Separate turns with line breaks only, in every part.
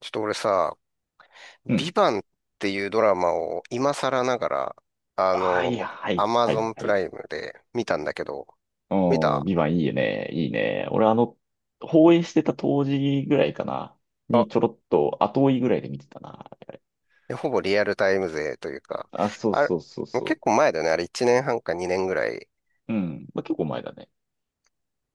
ちょっと俺さ、
う
ビ
ん。
バンっていうドラマを今更ながら、あ
はい
の、
は
ア
い、
マ
は
ゾ
い、
ン
は
プ
い。
ライムで見たんだけど、見
うん、
た
ビバンいいね、いいね。俺放映してた当時ぐらいかな。
あ、
にちょろっと後追いぐらいで見てたな。
ほぼリアルタイム勢というか、
あ、そう
あれ、
そうそう
もう結
そ
構前だよね。あれ1年半か2年ぐらい。
う。うん。まあ、結構前だね。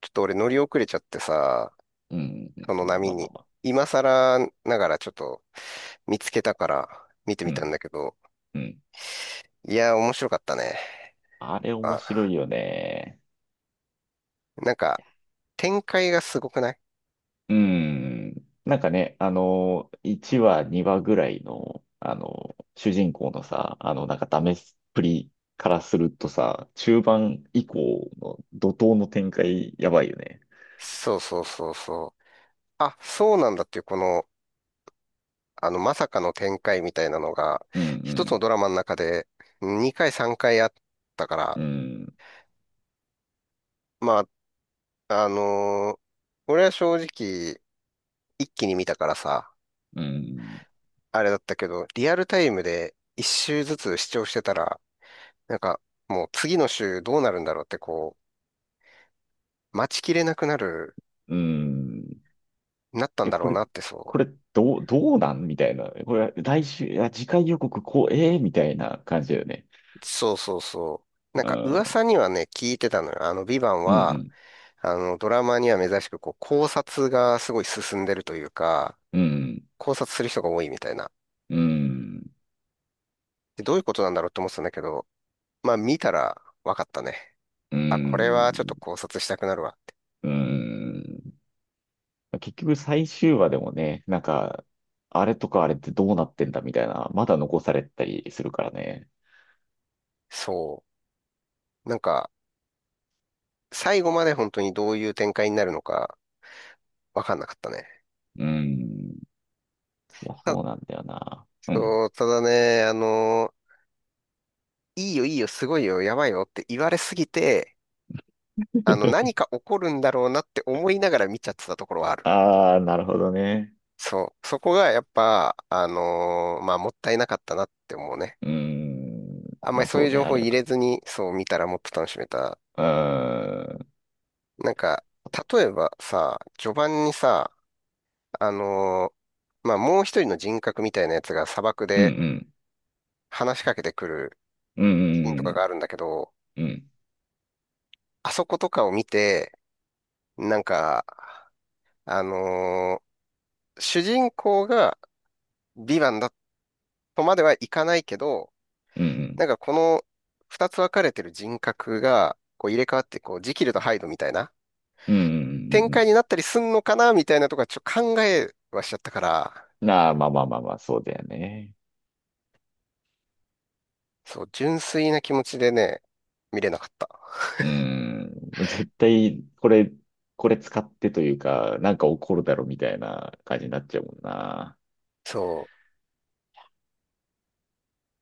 ちょっと俺乗り遅れちゃってさ、
うん。うんう
その
ん
波
まあまあ
に。
まあ。
今更ながらちょっと見つけたから見て
う
みたん
ん。
だけど、
うん。
いや、面白かったね。
あれ面
あ、
白いよね。
なんか展開がすごくない？
うん。なんかね、1話、2話ぐらいの、主人公のさ、なんかダメっぷりからするとさ、中盤以降の怒涛の展開、やばいよね。
そうそうそうそう。あ、そうなんだっていう、この、まさかの展開みたいなのが、
う
一つの
ん、
ドラマの中で2回3回あったか
う
ら、
ん、
まあ、俺は正直、一気に見たからさ、
うん、うん、
あれだったけど、リアルタイムで一週ずつ視聴してたら、なんか、もう次の週どうなるんだろうってこう、待ちきれなく
うん。
なったん
え、
だろ
こ
う
れ、
なってそ
これ、どうなんみたいな。これ、来週、いや、次回予告、こう、ええみたいな感じだよね。
う。そうそうそう。なん
う
か
ん、
噂にはね、聞いてたのよ。ヴィヴァン
うん、う
は、
ん、
ドラマには珍しく、こう、考察がすごい進んでるというか、
うん、
考察する人が多いみたいな。
うん、
で、どういうことなんだろうって思ってたんだけど、まあ見たら分かったね。
う
あ、これはちょっ
ん、
と考察したくなるわって。
うん。結局最終話でもね、なんか、あれとかあれってどうなってんだみたいな、まだ残されたりするからね。
そう。なんか、最後まで本当にどういう展開になるのか分かんなかったね。
うん。いや、
た、
そうなんだよな。うん。
そう、ただね、いいよいいよ、すごいよ、やばいよって言われすぎて、何 か起こるんだろうなって思いながら見ちゃってたところはある。
ああ、なるほどね。
そう。そこがやっぱ、まあ、もったいなかったなって思うね。
うん。
あんま
ま
り
あ
そう
そ
いう
うね、
情
あ
報
れ
入
は。
れずに、そう見たらもっと楽しめた。
うーん。
なんか、例えばさ、序盤にさ、あのまあ、もう一人の人格みたいなやつが砂漠
うんう
で
ん
話しかけてくる
う
シーンとかが
ん
あるんだけど、
うん
あそことかを見て、なんか、あのー主人公がヴィヴァンだとまではいかないけど、
うんうん
なんかこの二つ分かれてる人格がこう入れ替わって、こう、ジキルとハイドみたいな
うんうんうんうんうんうん
展
うんう
開に
ん。
なったりすんのかなみたいなとかちょっと考えはしちゃったから、
なあ、まあまあまあまあ、そうだよね。
そう、純粋な気持ちでね、見れなかった。
うん、絶対、これ使ってというか、なんか起こるだろみたいな感じになっちゃうもんな。
そ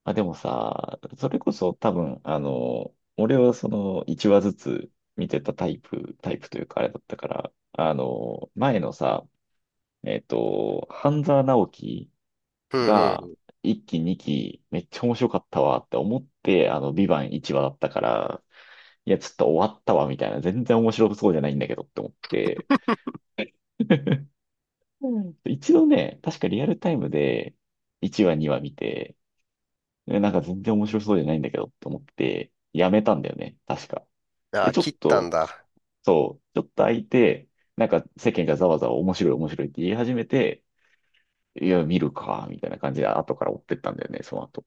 あ、でもさ、それこそ多分、俺はその1話ずつ見てたタイプ、タイプというかあれだったから、前のさ、半沢直樹
う。うんうん
が
う
1期2期めっちゃ面白かったわって思って、ビバン1話だったから、いや、ちょっと終わったわみたいな、全然面白そうじゃないんだけどって思って、うん。一度ね、確かリアルタイムで1話2話見て、なんか全然面白そうじゃないんだけどと思って、やめたんだよね、確か。
ん。あ
で、
あ、
ちょ
切
っ
ったん
と、
だ。
そう、ちょっと空いて、なんか世間がざわざわ面白い面白いって言い始めて、いや、見るか、みたいな感じで後から追ってったんだよね、その後。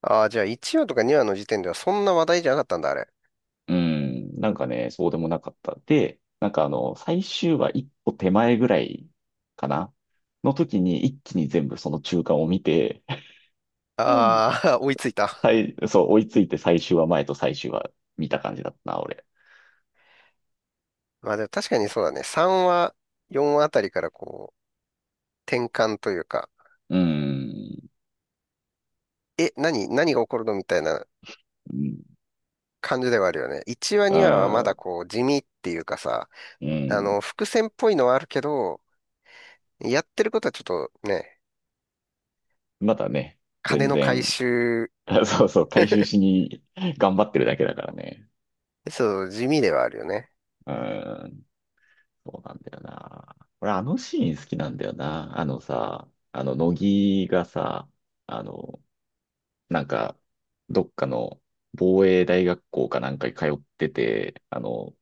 ああ、じゃあ1話とか2話の時点ではそんな話題じゃなかったんだ、あれ。
うん、なんかね、そうでもなかった。で、なんか最終話一歩手前ぐらいかなの時に一気に全部その中間を見て、
ああ、追いついた。
そう、追いついて最終話前と最終話見た感じだったな、俺。
まあでも確かに
いや、
そうだね。3話、4話あたりからこう、転換というか、
うーん。
何が起こるのみたいな
うん。
感じではあるよね。1話、2話はまだこう、地味っていうかさ、
うん。うん。
伏線っぽいのはあるけど、やってることはちょっとね、
まだね、
金
全
の回
然、
収、
そうそう、回収しに頑張ってるだけだからね。
そう、地味ではあるよね。
うん。そうなんだよな。俺、あのシーン好きなんだよな。あのさ、あの、乃木がさ、あの、なんか、どっかの防衛大学校かなんかに通ってて、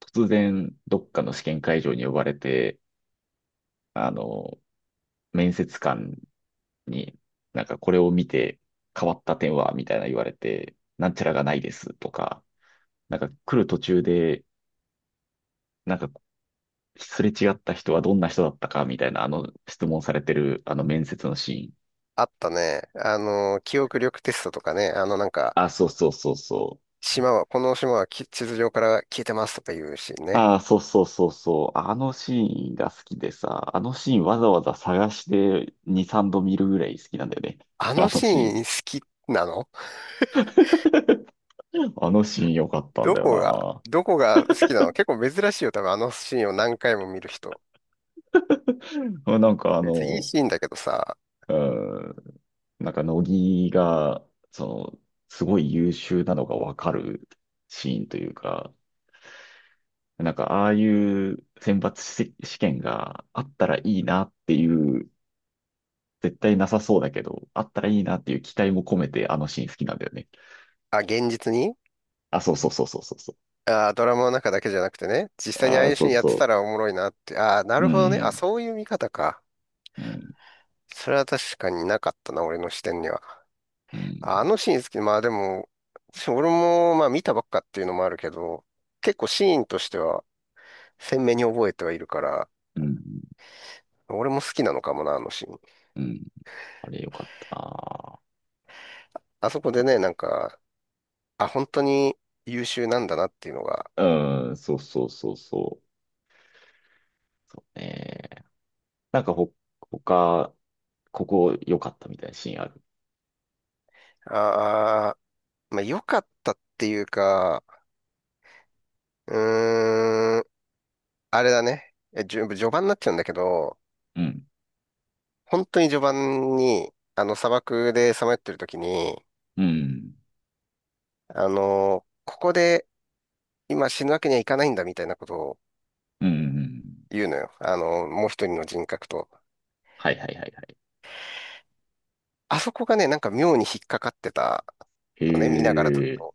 突然、どっかの試験会場に呼ばれて、あの、面接官になんかこれを見て変わった点はみたいな言われて、なんちゃらがないですとか、なんか来る途中で、なんかすれ違った人はどんな人だったかみたいなあの質問されてるあの面接のシーン。
あったね。記憶力テストとかね、なんか、
あ、そうそうそうそう。
この島は地図上から消えてますとかいうシーンね。
ああ、そうそうそうそう。あのシーンが好きでさ、あのシーンわざわざ探して2、3度見るぐらい好きなんだよね。
あの
あの
シー
シー
ン
ン。
好きなの？
あのシーン良かったんだよ
どこが好きなの？結構珍しいよ、多分あのシーンを何回も見る人。
な。なんか
別にいいシーンだけどさ、
うん、なんか乃木が、その、すごい優秀なのがわかるシーンというか、なんかああいう選抜し試験があったらいいなっていう、絶対なさそうだけど、あったらいいなっていう期待も込めてあのシーン好きなんだよね。
あ、現実に？
あ、そうそうそうそうそうそう。
あ、ドラマの中だけじゃなくてね、実際にああ
あ
い
あ、
うシ
そ
ー
う
ンやってた
そ
らおもろいなって、あ、な
う。う
るほどね。あ、
ん、
そういう見方か。
うん、
それは確かになかったな、俺の視点には。
うん、
あのシーン好き。まあでも、俺もまあ見たばっかっていうのもあるけど、結構シーンとしては鮮明に覚えてはいるから、
うん、
俺も好きなのかもな、あのシーン。
うん。あれよかった
あそこでね、なんか、あ、本当に優秀なんだなっていうのが、
な。うん、そうそうそうそう。そうね。なんか他、ここ良かったみたいなシーンある。
ああ、まあ良かったっていうか、うーん、あれだね。えじゅ序盤になっちゃうんだけど、
うん。
本当に序盤に、あの砂漠でさまよってる時に、
うん。
ここで今死ぬわけにはいかないんだみたいなことを、
うん。
言うのよ。あの、もう一人の人格と。
はいはいはいはい。
あそこがね、なんか妙に引っかかってた
へ
のね、見ながらだ
え。
と。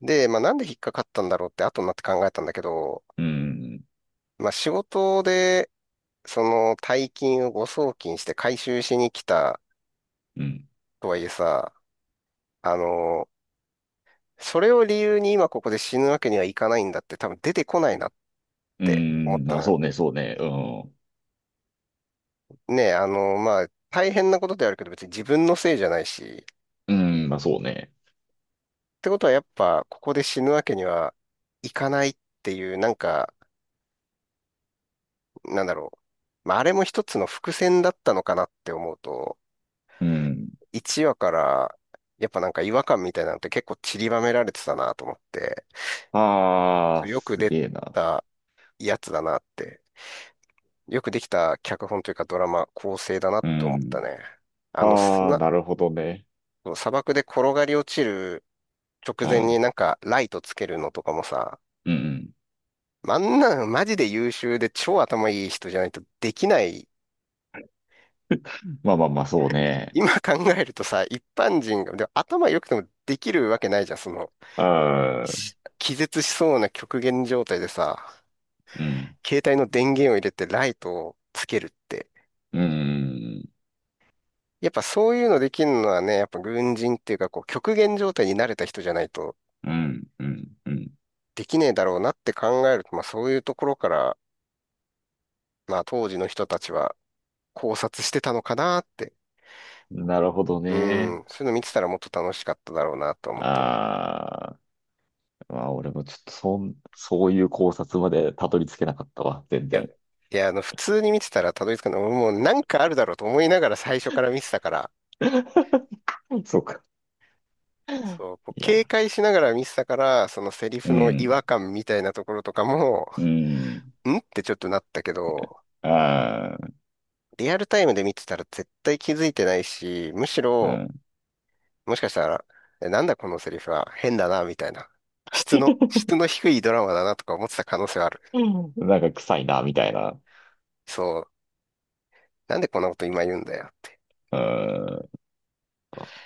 で、まあなんで引っかかったんだろうって後になって考えたんだけど、
うん。
まあ仕事で、その大金を誤送金して回収しに来た
うん。
とはいえさ、あの、それを理由に今ここで死ぬわけにはいかないんだって多分出てこないなっ
う
て思っ
ん。
たの
あ、そ
よ。
うね、そうね。うん。
ねえ、まあ大変なことではあるけど別に自分のせいじゃないし、
うん、まあそうね。
ってことはやっぱ、ここで死ぬわけにはいかないっていう、なんか、なんだろう。まあ、あれも一つの伏線だったのかなって思うと、
うん。
1話から、やっぱなんか違和感みたいなのって結構散りばめられてたなと思って、
あ
そ
あ、
うよく
す
出
げえな。
たやつだなって、よくできた脚本というかドラマ構成だな
う
と思っ
ん。
たね。あの、
ああ、
砂、
なるほどね。
砂漠で転がり落ちる直
う
前に
ん。
なんかライトつけるのとかもさ、
うん。
あんなのマジで優秀で超頭いい人じゃないとできない。
まあまあまあ、そうね。
今考えるとさ、一般人が、でも頭良くてもできるわけないじゃん。その、
ああ、
気絶しそうな極限状態でさ、
うん。
携帯の電源を入れてライトをつけるって。
うん。
やっぱそういうのできるのはね、やっぱ軍人っていうか、こう、極限状態に慣れた人じゃないと
うん。うん。う
できねえだろうなって考えると、まあそういうところから、まあ当時の人たちは考察してたのかなって。
ん。なるほど
う
ね。
ん、そういうの見てたらもっと楽しかっただろうなと思ったね。
ああ。うわ、俺もちょっとそういう考察までたどり着けなかったわ、全
いや、
然。
いや、普通に見てたらたどり着かない。俺もうなんかあるだろうと思いながら最初から見てたから、
そうか。
そう、こう
い
警
や、
戒しながら見てたから、そのセリ
う
フの違和
ん、
感みたいなところとかも、
うん、
んってちょっとなったけど、
あー
リアルタイムで見てたら絶対気づいてないし、むし
う
ろ、
ん。
もしかしたら、えなんだこのセリフは変だな、みたいな。質の低いドラマだなとか思ってた可能性はある。
うん なんか臭いな、みたいな。
そう、なんでこんなこと今言うんだよ。
うーん。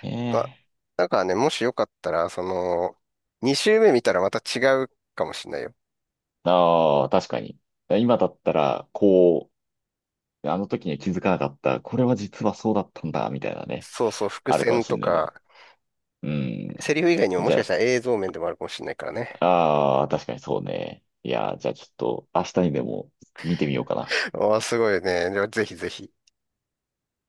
ね
あ、
え。
だからね、もしよかったら、その、2周目見たらまた違うかもしれないよ。
ああ、確かに。今だったら、こう、あの時には気づかなかった。これは実はそうだったんだ、みたいなね。
そうそう、伏
あるかも
線
し
と
んないね。
か、
うん。
セリフ以外にもも
じ
しかし
ゃ
たら映像面でもあるかもしれないからね。
あ、ああ、確かにそうね。いや、じゃあちょっと明日にでも見てみようかな。
ああ、すごいね。ではぜひぜひ。